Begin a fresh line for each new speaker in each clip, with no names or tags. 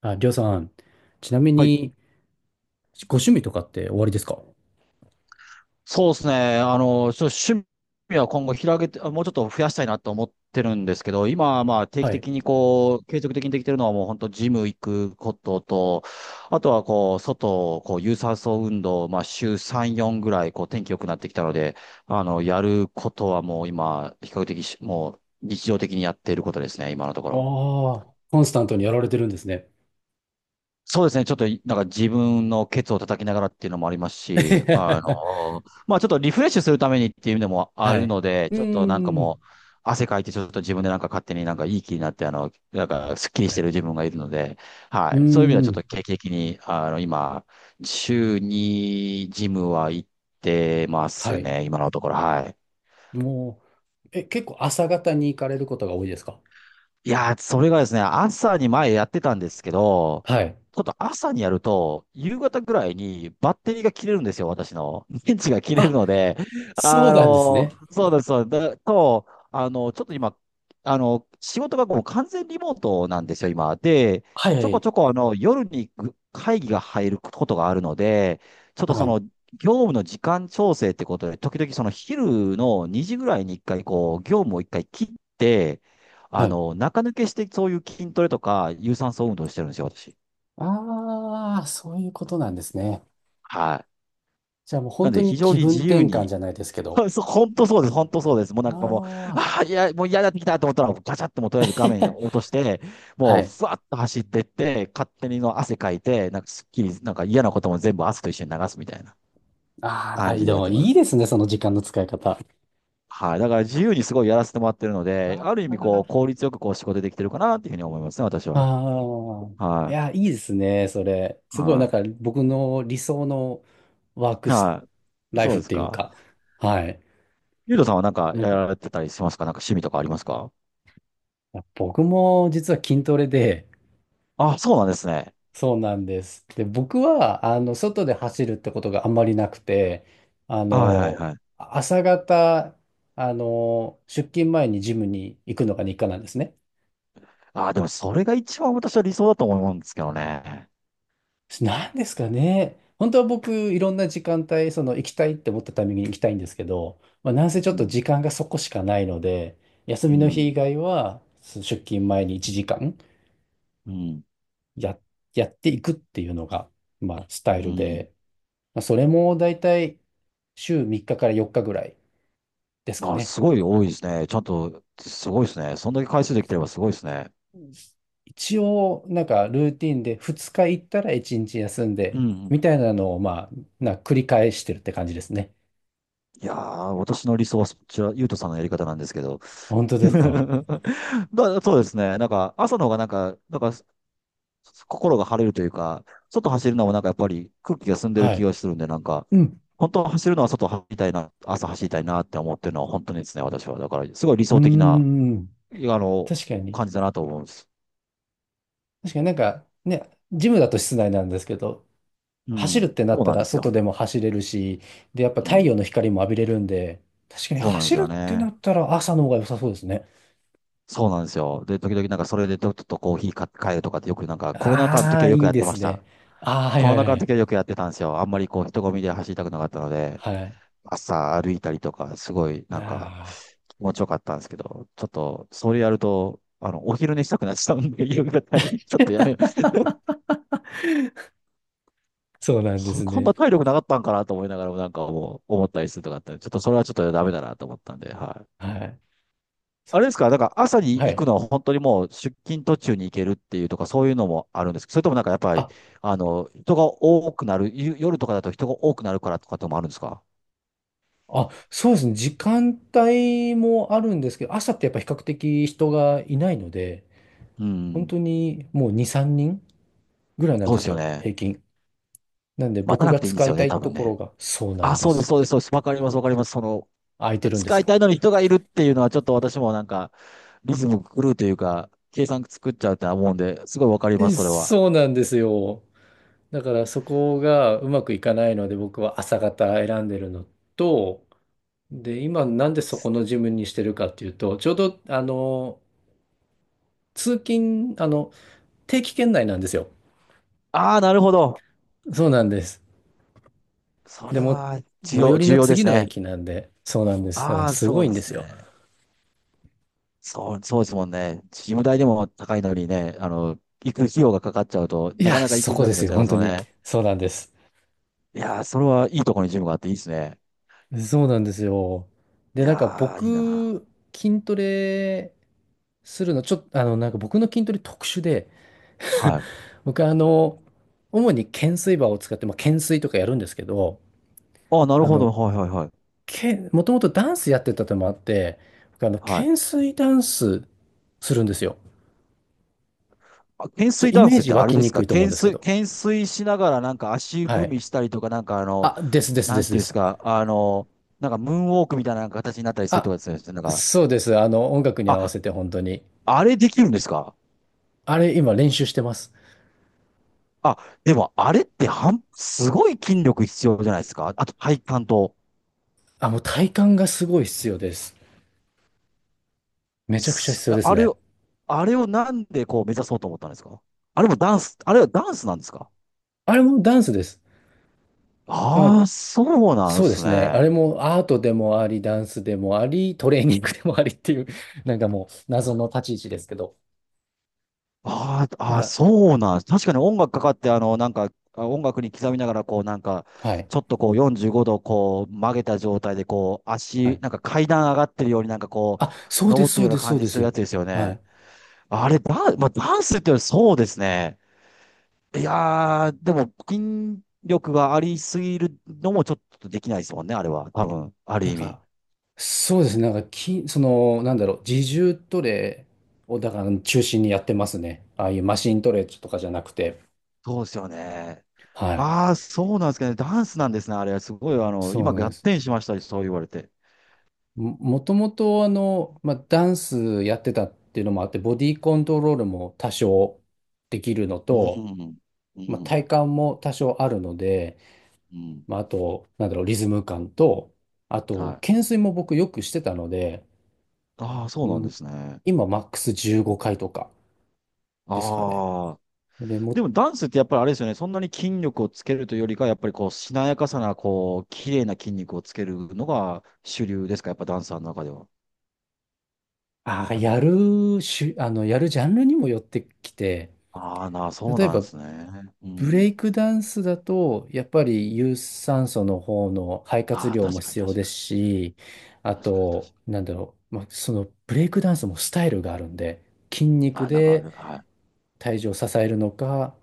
あ、りょうさん、ちなみ
はい。
に、ご趣味とかっておありですか？
そうですね。ちょっと趣味は今後広げて、もうちょっと増やしたいなと思ってるんですけど、今はまあ定期
はい。
的にこう、継続的にできてるのはもう本当ジム行くことと、あとはこう、外、こう、有酸素運動、まあ週3、4ぐらい、こう、天気良くなってきたので、やることはもう今、比較的し、もう日常的にやっていることですね、今のとこ
あ
ろ。
あ、コンスタントにやられてるんですね。
そうですね。ちょっと、なんか自分のケツを叩きながらっていうのもありますし、まあちょっとリフレッシュするためにっていうのもあ
は
る
い。
ので、
う
ちょっとなんか
ーん。
もう、汗かいてちょっと自分でなんか勝手になんかいい気になって、なんかスッキリ
は
してる
い。
自分がいるので、は
うー
い。そういう意味ではちょっ
ん。
と定期的に、今、週にジムは行ってま
は
す
い。
ね。今のところ、はい。
もう、結構朝方に行かれることが多いですか？
いやー、それがですね、朝に前やってたんですけど、
はい。
ちょっと朝にやると、夕方ぐらいにバッテリーが切れるんですよ、私の。電池が切れる
あ、
ので、
そうなんですね。
そうです、そうです。だと、ちょっと今、仕事がもう完全リモートなんですよ、今。で、
はいは
ちょこ
い。
ちょこ、夜に会議が入ることがあるので、ちょっと
は
そ
い。
の、業務の時間調整ってことで、時々その昼の2時ぐらいに一回、こう、業務を一回切って、
はい。
中抜けしてそういう筋トレとか、有酸素運動してるんですよ、私。
ああ、そういうことなんですね。
はい。
じゃあもう
な
本
ん
当
で、
に
非常
気
に
分
自由
転換
に。
じゃないですけ
そ
ど。
う、そう本当そうです、本当そうです。もうな
あ
んかもう、
あ。
ああ、いや、もう嫌になってきたと思ったら、ガチャってもうとりあえず画面 を落として、
は
もう、
い。
ふわっと走ってって、勝手にの汗かいて、なんかすっきり、なんか嫌なことも全部汗と一緒に流すみたいな
あーあ、
感じで
で
やっ
も
てま
いい
す。
ですね、その時間の使い方。
はい。だから自由にすごいやらせてもらってるの
あ
で、ある意味こう、
ー
効率よくこう、仕事できてるかなっていうふうに思いますね、私は。
ああ、い
はい。
や、いいですね、それ。すごい、な
は
んか僕の理想のワー
い。
クス、
はい。
ライ
そ
フ
う
っ
です
ていう
か。
か、はい。
ゆうとさんはなんか
なん
や
か、
られてたりしますか？なんか趣味とかありますか？
僕も実は筋トレで、
あ、そうなんですね。
そうなんです。で、僕は、あの、外で走るってことがあんまりなくて、あ
あはいはい
の、
はい。
朝方、あの、出勤前にジムに行くのが日課なんですね。
あ、でもそれが一番私は理想だと思うんですけどね。
なんですかね。本当は僕、いろんな時間帯、その行きたいって思ったタイミングに行きたいんですけど、まあ、なんせち
う
ょっと
ん。
時間がそこしかないので、休
う
みの日以
ん。
外は、その出勤前に1時間
うん。
や、やっていくっていうのが、まあ、ス
う
タイル
ん。
で、まあ、それもだいたい週3日から4日ぐらいですか
あ、
ね。
すごい多いですね。ちゃんと、すごいですね。そんだけ回数できてればすごいですね。
うん。一応、なんかルーティンで2日行ったら1日休ん
う
で、
んうん。
みたいなのを、まあ、繰り返してるって感じですね。
いやー、私の理想はそっちは、ゆうとさんのやり方なんですけど。
本当です か？
そうですね。なんか、朝の方がなんか、なんか、心が晴れるというか、外走るのもなんかやっぱり空気が澄んでる
は
気
い。
がするんで、なんか、
うん。
本当は走るのは外走りたいな、朝走りたいなって思ってるのは本当にですね、私は。だから、すごい理
うー
想的な、あ
ん、
の、
確かに。
感じだなと思うんです。
確かになんかね、ジムだと室内なんですけど、
う
走るっ
ん。
てなっ
そう
た
なん
ら
です
外
よ。
でも走れるし、で、やっぱ
う
太陽
ん。
の光も浴びれるんで、確かに
そうなんで
走
す
る
よ
ってな
ね。
ったら朝の方が良さそうですね。
そうなんですよ。で、時々なんかそれでちょっとコーヒーか買えるとかってよくなんかコロナ禍の
あ
時
あ、
はよく
いい
やっ
で
てま
す
し
ね。
た。
ああ、はい
コ
は
ロ
い
ナ禍
は
の
い。
時はよくやってたんですよ。あんまりこう人混みで走りたくなかったので、
はい。
朝歩いたりとか、すごいなんか
ああ、
気持ちよかったんですけど、ちょっとそれやると、お昼寝したくなっちゃうんで、夕方に、ちょっとやめよう。
そうなんで
そ
す
こんな
ね。
体力なかったんかなと思いながらも、なんかもう思ったりするとかあって、ちょっとそれはちょっとダメだなと思ったんで、はい。
はい。そっ
あれですか、だ
か。
から朝に
は
行く
い。
のは本当にもう出勤途中に行けるっていうとか、そういうのもあるんですけど、それともなんかやっぱり、
あ、
人が多くなる、夜とかだと人が多くなるからとかともあるんですか？
そうですね。時間帯もあるんですけど、朝ってやっぱ比較的人がいないので、
う
本
ん。
当にもう2、3人ぐらいなん
そう
で
で
す
すよ
よ、
ね。
平均。なんで
待た
僕
な
が
くていいんで
使
す
い
よ
た
ね、多
いと
分
ころ
ね。
がそうな
あ、
んで
そうです、
す。
そうです、そうです。わかります、わかります。その、
空いてるんです
使い
よ。
たいのに人がいるっていうのはちょっと私もなんか、リズム狂うというか、計算作っちゃうって思うんで、すごいわかります、それは。
そうなんですよ。だからそこがうまくいかないので僕は朝方選んでるのと、で、今なんでそこのジムにしてるかっていうと、ちょうどあの、通勤、あの、定期圏内なんですよ。
ああ、なるほど。
そうなんです。
そ
で
れ
も、
は重
最寄
要、
り
重
の
要で
次
す
の
ね。
駅なんで、そうなんです。だから
ああ、
す
そ
ご
う
い
で
んで
す
すよ。
ね。そう、そうですもんね。事務代でも高いのにね、行く費用がかかっちゃうと、
い
な
や、
かなか行
そ
きづ
こ
ら
で
くな
す
っち
よ、
ゃいま
本
す
当
よ
に。
ね。
そうなんです。
いやー、それはいいところにジムがあっていいですね。
そうなんですよ。
い
で、なんか
やー、いいな。
僕、筋トレするの、ちょっと、あの、なんか僕の筋トレ特殊で、
はい。
僕、あの、主に懸垂バーを使って、まあ、懸垂とかやるんですけど、
ああ、なる
あ
ほ
の、
ど。はいはいはい。
もともとダンスやってたのもあって、僕、あの、
はい。
懸垂ダンスするんですよ。
あ、懸垂
イ
ダン
メー
スっ
ジ
て
湧
あれ
き
で
に
すか？
くいと思うん
懸
ですけ
垂、
ど。
懸垂しながらなんか足
は
踏
い。
みしたりとか、なんかあの、
あ、ですです
な
で
ん
す
て
で
いうんです
す。
か、なんかムーンウォークみたいな形になったりすると
あ、
かですね。なんか、
そうです。あの、音楽に
あ、
合わせて本当に。
あれできるんですか？
あれ、今練習してます。
あ、でもあれってはんすごい筋力必要じゃないですか。あと体幹と。
あ、もう体幹がすごい必要です。めちゃくちゃ
す
必要です
あれ
ね。
を、あれをなんでこう目指そうと思ったんですか？あれもダンス、あれはダンスなんですか？
あれもダンスです。まあ、
ああー、そうなんで
そうで
す
すね。あ
ね。
れもアートでもあり、ダンスでもあり、トレーニングでもありっていう、なんかもう謎の立ち位置ですけど。
あー
なん
あー、
か、
そうなんです確かに音楽かかって、なんか、音楽に刻みながら、こう、なんか、
はい。
ちょっとこう、45度、こう、曲げた状態で、こう、
は
足、
い。
なんか階段上がってるように、なんかこ
あ、そ
う、
うで
登
す、
って
そう
るよう
で
な
す、そ
感
う
じ
で
する
す。
やつですよ
はい。
ね。あれ、まあ、ダンスっていうのはそうですね。いやー、でも、筋力がありすぎるのもちょっとできないですもんね、あれは。多分、ある
なん
意味。
か、そうですね。なんか、その、なんだろう、自重トレを、だから中心にやってますね。ああいうマシントレとかじゃなくて。
そうですよね。
はい。
ああ、そうなんですかね。ダンスなんですね、あれ。すごい、
そう
今、
なん
合
です。
点しました、そう言われて。
もともとあの、まあ、ダンスやってたっていうのもあって、ボディコントロールも多少できるの
う
と、
ん、う
まあ、
ん、
体幹も多少あるので、
うん。
まあ、あと、なんだろう、リズム感と、あ
は
と、
い。
懸垂も僕よくしてたので、
ああ、そ
う
うなんで
ん、
すね。
今マックス15回とかですかね。
ああ。
で、
で
も、
も、ダンスってやっぱりあれですよね。そんなに筋力をつけるというよりか、やっぱりこう、しなやかさな、こう、綺麗な筋肉をつけるのが主流ですか、やっぱダンサーの中では。
ああ、やるしゅ、あの、やるジャンルにもよってきて、
ああ、そう
例え
なんで
ば
すね。う
ブレ
ん。
イクダンスだと、やっぱ
う
り
ん、
有酸素の方の肺活
ああ、
量も
確かに
必要
確
です
か
し、
に。
あ
確かに確か
と、
に。
なんだろう、まあ、そのブレイクダンスもスタイルがあるんで、筋
あ
肉
あ、なんかあ
で
る。はい。
体重を支えるのか、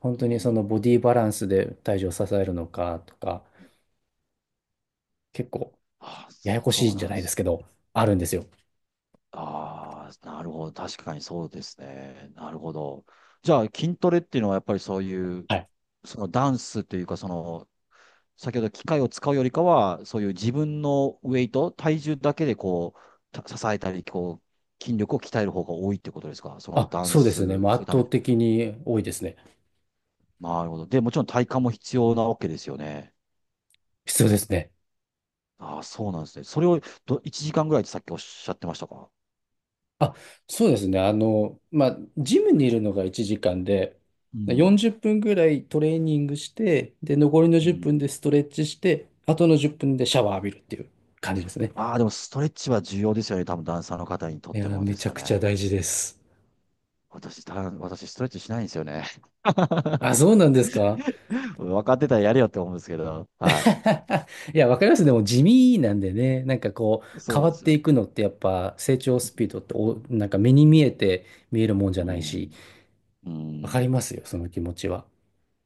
本
う
当にその
ん。
ボディバランスで体重を支えるのかとか、結構
ああ、
ややこし
そ
い
う
んじ
な
ゃ
んで
ないです
す。
けど、あるんですよ。
ああ、なるほど。確かにそうですね。なるほど。じゃあ、筋トレっていうのはやっぱりそういう、
はい。
そのダンスというか、その、先ほど機械を使うよりかは、そういう自分のウェイト、体重だけでこう、支えたり、こう、筋力を鍛える方が多いってことですか？その
あ、
ダン
そうですね。
ス
まあ
す
圧
るため
倒
に。
的に多いですね。
なるほど。で、もちろん体幹も必要なわけですよね。
必要ですね。
ああ、そうなんですね。それを1時間ぐらいってさっきおっしゃってましたか？
あ、そうですね。あの、まあ、ジムにいるのが1時間で、
うん。
40分ぐらいトレーニングして、で、残りの
う
10
ん。
分でストレッチして、あとの10分でシャワー浴びるっていう感じですね。
ああ、でもストレッチは重要ですよね。多分ダンサーの方にとっ
いや
て
ー、
も
め
です
ちゃ
よ
くちゃ
ね。
大事です。
私、ダン私ストレッチしないんですよね。
あ、そうなんですか？
分かってたらやれよって思うんですけど。は
いや、わかります。でも地味なんでね、なんかこ
い。
う、
そう
変
なん
わ
で
っ
す
て
よ。
いくのってやっぱ成長スピードってなんか目に見えて見えるもんじゃ
う
ないし、
ん。う
わか
ん。
りますよ、その気持ちは。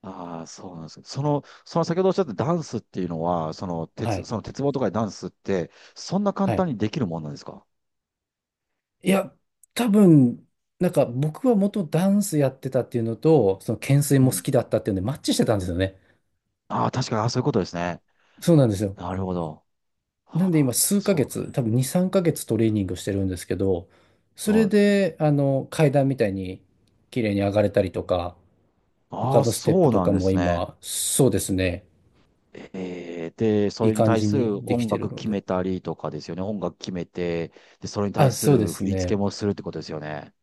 ああ、そうなんです。その、その先ほどおっしゃったダンスっていうのは、
はい。
その鉄棒とかでダンスって、そんな簡
は
単
い。
にできるもんなんですか？
いや、多分、なんか僕は元ダンスやってたっていうのと、その懸垂
う
も好
ん。
きだったっていうのでマッチしてたんですよね。
ああ、確かに、ああ、そういうことですね。
そうなんですよ。
なるほど。
な
は
んで今
あ、
数ヶ
そういうこと
月、
ね。
多分2、3ヶ月トレーニングしてるんですけど、そ
は
れ
い。
で、あの、階段みたいに綺麗に上がれたりとか、他
ああ、
のステップ
そう
と
な
か
んで
も
すね。
今、そうですね、
で、そ
いい
れに
感
対
じ
す
に
る
でき
音
てる
楽
の
決
で。
めたりとかですよね。音楽決めて、で、それに
あ、
対す
そうで
る
す
振り付け
ね。
もするってことですよね。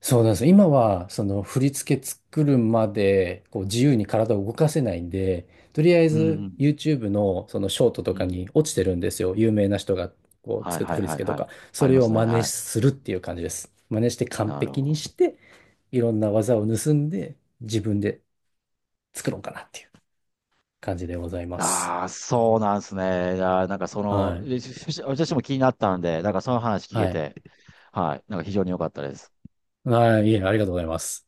そうなんです。今は、その振り付け作るまで、こう自由に体を動かせないんで、とりあえ
う
ず
ん、
YouTube のそのショートと
う
か
ん。
に落ちてるんですよ。有名な人がこう
はい、
作った
はい、
振り
はい、
付けと
はい。
か。
あ
そ
り
れ
ま
を
すね。
真似
はい。
するっていう感じです。真似して完
なる
璧
ほ
に
ど。
して、いろんな技を盗んで、自分で作ろうかなっていう感じでございます。
ああ、そうなんですね。いやー、なんかそ
は
の、
い。
えしし私も気になったんで、なんかその話聞け
はい。
て、はい。なんか非常に良かったです。
はい。いえ、ありがとうございます。